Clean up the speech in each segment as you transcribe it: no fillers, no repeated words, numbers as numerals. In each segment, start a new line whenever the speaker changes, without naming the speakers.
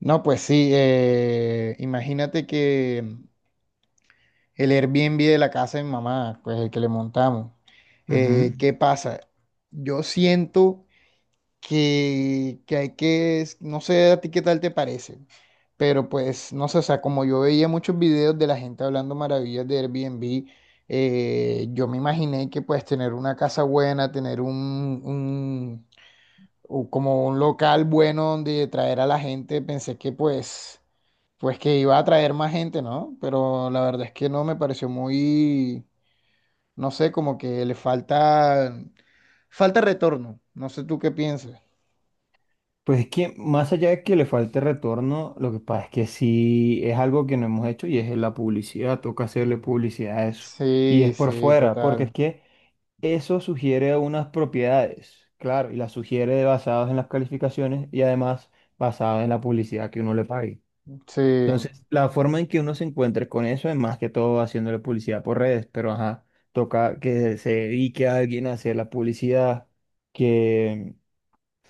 No, pues sí, imagínate que el Airbnb de la casa de mi mamá, pues el que le montamos,
Ujú.
¿qué pasa? Yo siento que hay no sé a ti qué tal te parece, pero pues no sé, o sea, como yo veía muchos videos de la gente hablando maravillas de Airbnb, yo me imaginé que pues tener una casa buena, tener o como un local bueno donde traer a la gente, pensé que pues... Pues que iba a atraer más gente, ¿no? Pero la verdad es que no me pareció muy, no sé, como que falta retorno. No sé tú qué piensas.
Pues es que más allá de que le falte retorno, lo que pasa es que sí es algo que no hemos hecho y es la publicidad, toca hacerle publicidad a eso. Y
Sí,
es por
sí,
fuera, porque es
total.
que eso sugiere unas propiedades, claro, y las sugiere basadas en las calificaciones y además basadas en la publicidad que uno le pague.
Sí,
Entonces, la forma en que uno se encuentre con eso es más que todo haciéndole publicidad por redes, pero ajá, toca que se dedique a alguien a hacer la publicidad, que,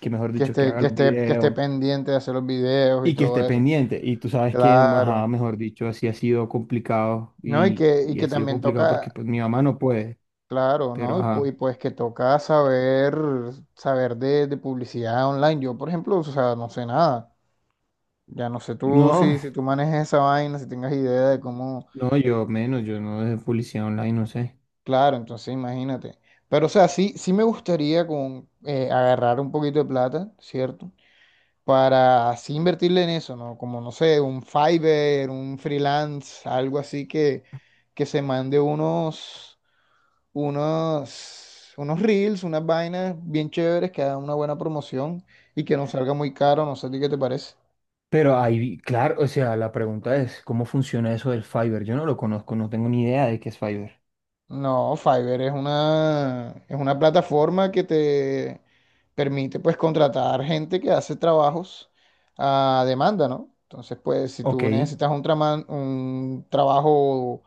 que mejor
que
dicho, que
esté,
haga los
que esté
videos.
pendiente de hacer los videos y
Y que
todo
esté
eso.
pendiente. Y tú sabes que, ajá,
Claro.
mejor dicho, así ha sido complicado
No,
y,
y
y
que
ha sido
también
complicado porque
toca,
pues mi mamá no puede,
claro, ¿no?
pero ajá.
Y pues que toca saber de publicidad online. Yo, por ejemplo, o sea, no sé nada. Ya no sé tú
No,
si tú manejes esa vaina, si tengas idea de cómo,
no, yo menos, yo no de publicidad online, no sé.
claro, entonces imagínate. Pero o sea, sí, sí me gustaría con, agarrar un poquito de plata, ¿cierto? Para así invertirle en eso, ¿no? Como, no sé, un Fiverr, un freelance, algo así que, que se mande unos, unos reels, unas vainas bien chéveres que hagan una buena promoción y que no salga muy caro, no sé a ti qué te parece.
Pero ahí, claro, o sea, la pregunta es, ¿cómo funciona eso del Fiverr? Yo no lo conozco, no tengo ni idea de qué es Fiverr.
No, Fiverr es una plataforma que te permite pues contratar gente que hace trabajos a demanda, ¿no? Entonces, pues si
Ok,
tú necesitas un trabajo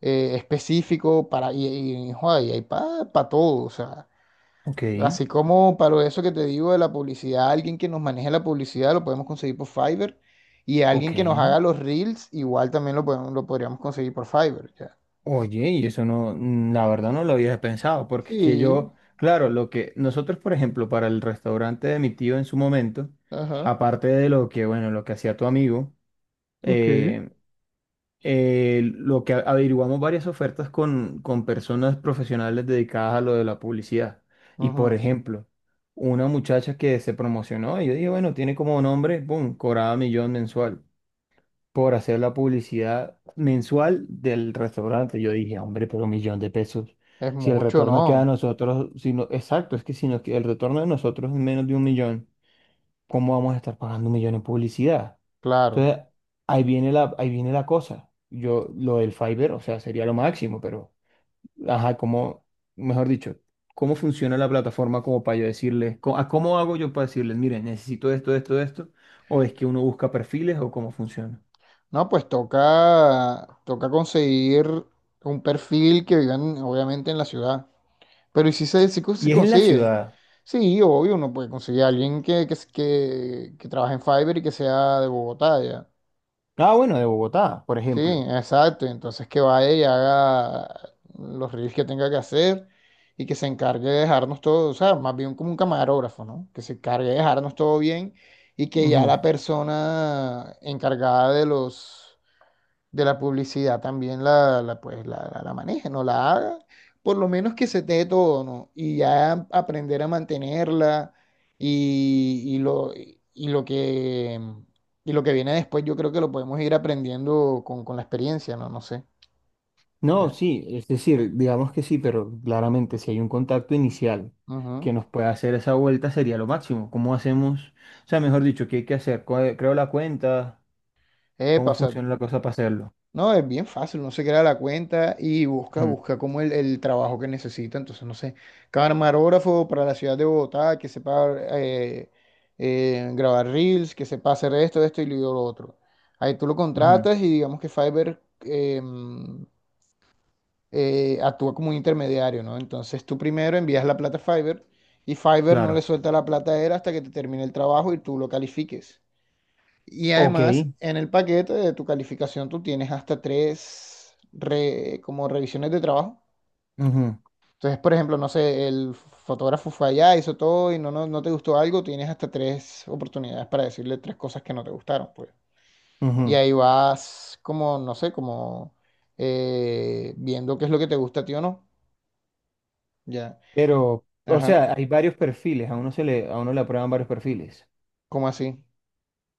específico para, joda, y hay para todo, o sea,
ok,
así como para eso que te digo de la publicidad, alguien que nos maneje la publicidad lo podemos conseguir por Fiverr y alguien
ok.
que nos haga los reels igual también lo podríamos conseguir por Fiverr, ya.
Oye, y eso no, la verdad no lo había pensado, porque es que
Sí,
yo, claro, lo que nosotros, por ejemplo, para el restaurante de mi tío en su momento,
ajá.
aparte de lo que, bueno, lo que hacía tu amigo,
Ok.
eh, averiguamos varias ofertas con personas profesionales dedicadas a lo de la publicidad. Y, por
Ujú.
ejemplo, una muchacha que se promocionó, y yo dije, bueno, tiene como nombre, boom, cobraba millón mensual por hacer la publicidad mensual del restaurante. Yo dije, hombre, pero 1 millón de pesos.
Es
Si el
mucho,
retorno queda a
¿no?
nosotros, exacto, es que si nos, que- el retorno de nosotros es menos de 1 millón, ¿cómo vamos a estar pagando 1 millón en publicidad?
Claro.
Entonces, ahí viene la cosa. Yo, lo del Fiverr, o sea, sería lo máximo, pero, ajá, como, mejor dicho, ¿cómo funciona la plataforma como para yo decirles, a cómo hago yo para decirles, miren, necesito esto, esto, esto, o es que uno busca perfiles o cómo funciona?
No, pues toca, toca conseguir un perfil que vivan, obviamente, en la ciudad. Pero ¿y si se, si cons- se
Y es en la
consigue?
ciudad.
Sí, obvio, uno puede conseguir a alguien que trabaje en Fiverr y que sea de Bogotá, ya.
Ah, bueno, de Bogotá, por
Sí,
ejemplo.
exacto. Entonces que vaya y haga los reels que tenga que hacer y que se encargue de dejarnos todo, o sea, más bien como un camarógrafo, ¿no? Que se encargue de dejarnos todo bien y que ya
Ujú.
la persona encargada de los de la publicidad también pues, la maneje, no la haga, por lo menos que se te dé todo, ¿no? Y ya aprender a mantenerla y, y lo, y lo que, y lo que viene después, yo creo que lo podemos ir aprendiendo con la experiencia, ¿no? No sé,
No,
ya.
sí, es decir, digamos que sí, pero claramente si hay un contacto inicial
Ujú.
que nos pueda hacer esa vuelta sería lo máximo. ¿Cómo hacemos? O sea, mejor dicho, ¿qué hay que hacer? Creo la cuenta,
Epa,
¿cómo
o sea,
funciona la cosa para hacerlo?
no, es bien fácil, uno se crea la cuenta y busca,
Ujú,
busca como el trabajo que necesita. Entonces, no sé, camarógrafo para la ciudad de Bogotá, que sepa eh, grabar reels, que sepa hacer esto, esto y lo otro. Ahí tú lo
ujú,
contratas y digamos que Fiverr actúa como un intermediario, ¿no? Entonces tú primero envías la plata a Fiverr y Fiverr no le
claro.
suelta la plata a él hasta que te termine el trabajo y tú lo califiques. Y
Ok.
además, en el paquete de tu calificación tú tienes hasta como revisiones de trabajo.
Ujú,
Entonces, por ejemplo, no sé, el fotógrafo fue allá, hizo todo y no, no, no te gustó algo, tienes hasta tres oportunidades para decirle tres cosas que no te gustaron, pues. Y
ujú.
ahí vas como, no sé, como viendo qué es lo que te gusta a ti o no. Ya.
Pero, o
Ajá.
sea, hay varios perfiles, a uno le aprueban varios perfiles.
¿Cómo así?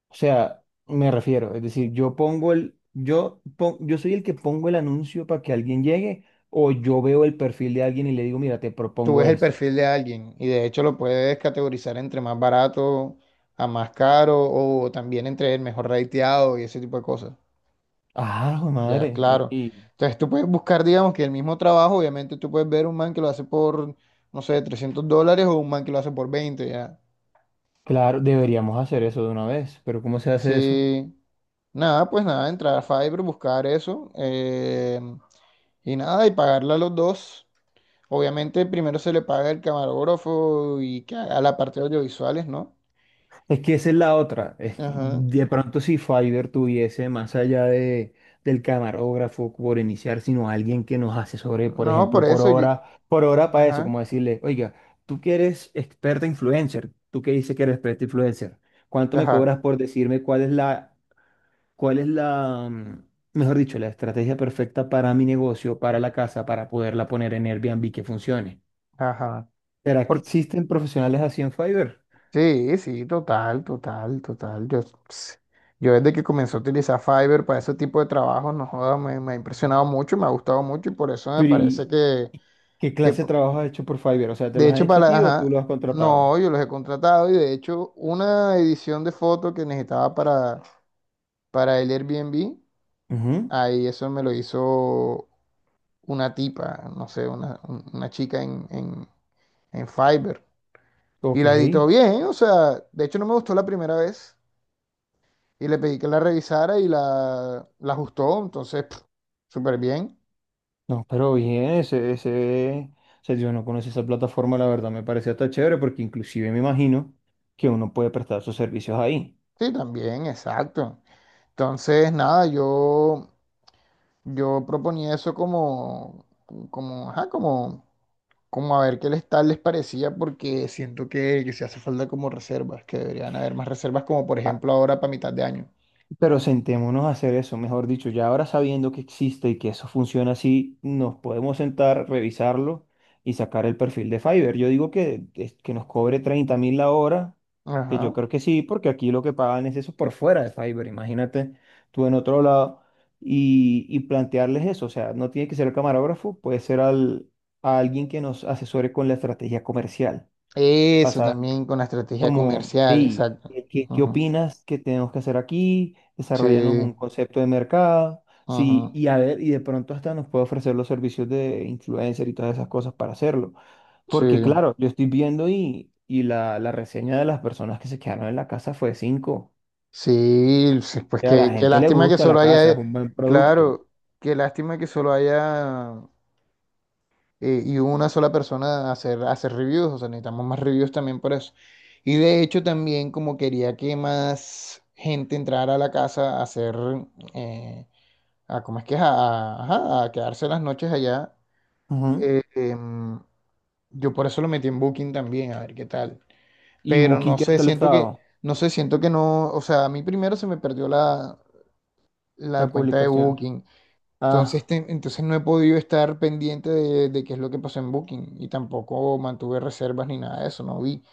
O sea, me refiero, es decir, yo soy el que pongo el anuncio para que alguien llegue, o yo veo el perfil de alguien y le digo, mira, te
Tú
propongo
ves el
esto.
perfil de alguien y de hecho lo puedes categorizar entre más barato a más caro o también entre el mejor rateado y ese tipo de cosas.
Ah, jue
Ya,
madre.
claro.
Y
Entonces tú puedes buscar, digamos, que el mismo trabajo, obviamente tú puedes ver un man que lo hace por, no sé, $300 o un man que lo hace por 20 ya.
claro, deberíamos hacer eso de una vez, pero ¿cómo se hace eso?
Sí, nada, pues nada, entrar a Fiverr, buscar eso y nada, y pagarle a los dos. Obviamente primero se le paga el camarógrafo y que haga la parte de audiovisuales, ¿no?
Es que esa es la otra.
Ajá.
De pronto si Fiverr tuviese más allá del camarógrafo por iniciar, sino alguien que nos asesore, por
No, por
ejemplo,
eso yo.
por hora para eso,
Ajá,
como decirle, oiga, tú que eres experta influencer, tú que dices que eres experta influencer, ¿cuánto me
ajá,
cobras por decirme cuál es la, mejor dicho, la estrategia perfecta para mi negocio, para la casa, para poderla poner en Airbnb que funcione?
ajá.
¿Será que
Por...
existen profesionales así en Fiverr?
Sí, sí, total, total, total. Ps, yo desde que comencé a utilizar Fiverr para ese tipo de trabajos, no joda, me ha impresionado mucho, me ha gustado mucho y por eso me
Pero
parece
¿y y qué
que
clase de trabajo has hecho por Fiverr? O sea, ¿te
de
los han
hecho, para
hecho a ti o tú
ajá,
los has contratado?
no, yo los he contratado y de hecho, una edición de foto que necesitaba para el Airbnb,
Ujú.
ahí eso me lo hizo una tipa, no sé, una chica en Fiverr. Y
Ok,
la editó bien, o sea, de hecho no me gustó la primera vez. Y le pedí que la revisara y la ajustó, entonces, pf, súper bien.
no, pero bien, ese, o sea, yo no conocí esa plataforma, la verdad me pareció hasta chévere porque inclusive me imagino que uno puede prestar sus servicios ahí.
Sí, también, exacto. Entonces, nada, yo proponía eso como, como, ajá, como, como a ver qué les tal les parecía, porque siento que se hace falta como reservas, que deberían haber más reservas, como por
Ah,
ejemplo ahora para mitad de año.
pero sentémonos a hacer eso, mejor dicho, ya ahora sabiendo que existe y que eso funciona así, nos podemos sentar, revisarlo y sacar el perfil de Fiverr. Yo digo que, que nos cobre 30.000 la hora, que yo
Ajá.
creo que sí, porque aquí lo que pagan es eso por fuera de Fiverr, imagínate tú en otro lado y plantearles eso, o sea, no tiene que ser el camarógrafo, puede ser a alguien que nos asesore con la estrategia comercial
Eso también con la estrategia
como,
comercial,
hey,
exacto.
¿ qué
Ujú.
opinas que tenemos que hacer aquí?
Sí,
Desarrollanos un concepto de mercado. Sí,
ajá.
y a ver, y de pronto hasta nos puede ofrecer los servicios de influencer y todas esas cosas para hacerlo.
Sí,
Porque claro, yo estoy viendo y la reseña de las personas que se quedaron en la casa fue 5.
sí, sí,
O
pues
sea, a la
qué, qué
gente le
lástima que
gusta
solo
la casa, es
haya,
un buen producto.
claro, qué lástima que solo haya y una sola persona hacer, hacer reviews, o sea, necesitamos más reviews también por eso. Y de hecho también como quería que más gente entrara a la casa a hacer, eh, a, ¿cómo es que es? Ajá, a quedarse las noches allá.
Ujú.
eh, em, yo por eso lo metí en Booking también, a ver qué tal.
¿Y
Pero
Booking
no
qué
sé,
tal
siento que...
estado?
No sé, siento que no, o sea, a mí primero se me perdió la
La
cuenta de
publicación.
Booking.
Ah,
Entonces no he podido estar pendiente de qué es lo que pasó en Booking y tampoco mantuve reservas ni nada de eso, no vi.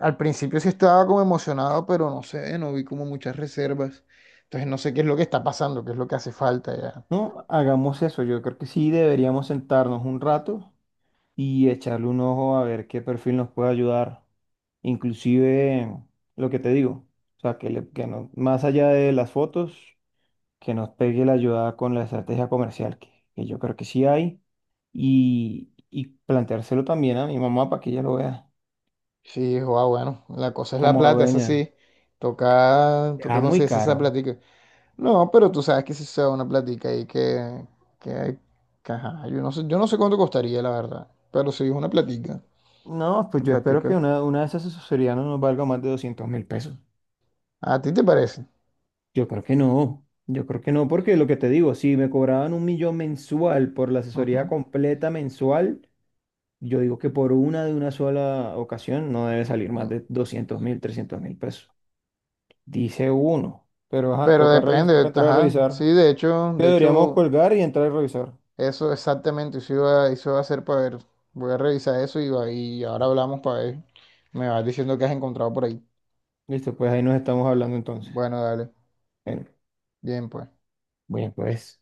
Al principio sí estaba como emocionado, pero no sé, no vi como muchas reservas. Entonces no sé qué es lo que está pasando, qué es lo que hace falta ya.
no, hagamos eso. Yo creo que sí deberíamos sentarnos un rato y echarle un ojo a ver qué perfil nos puede ayudar. Inclusive lo que te digo, o sea, que no, más allá de las fotos, que nos pegue la ayuda con la estrategia comercial, que yo creo que sí hay, y planteárselo también a mi mamá para que ella lo vea
Sí, guau, bueno, la cosa es la
como
plata, eso
dueña.
sí. Toca, toca
Ah, muy
conseguirse esa
caro.
platica. No, pero tú sabes que si se da una platica ahí que, que ajá, yo no sé cuánto costaría, la verdad. Pero sí es una platica,
No, pues
una
yo espero que
platica.
una de esas asesorías no nos valga más de 200.000 pesos.
¿A ti te parece?
Yo creo que no, yo creo que no, porque lo que te digo, si me cobraban 1 millón mensual por la asesoría
Ujú.
completa mensual, yo digo que por una de una sola ocasión no debe salir más
Mm.
de 200.000, 300.000 pesos. Dice uno, pero ajá,
Pero
toca revisar, toca
depende,
entrar a
ajá. Sí,
revisar. Que
de
deberíamos
hecho,
colgar y entrar a revisar.
eso exactamente, eso iba a hacer para ver. Voy a revisar eso y ahora hablamos para ver. Me vas diciendo que has encontrado por ahí.
Listo, pues ahí nos estamos hablando entonces.
Bueno, dale.
Bueno,
Bien, pues.
bueno, pues.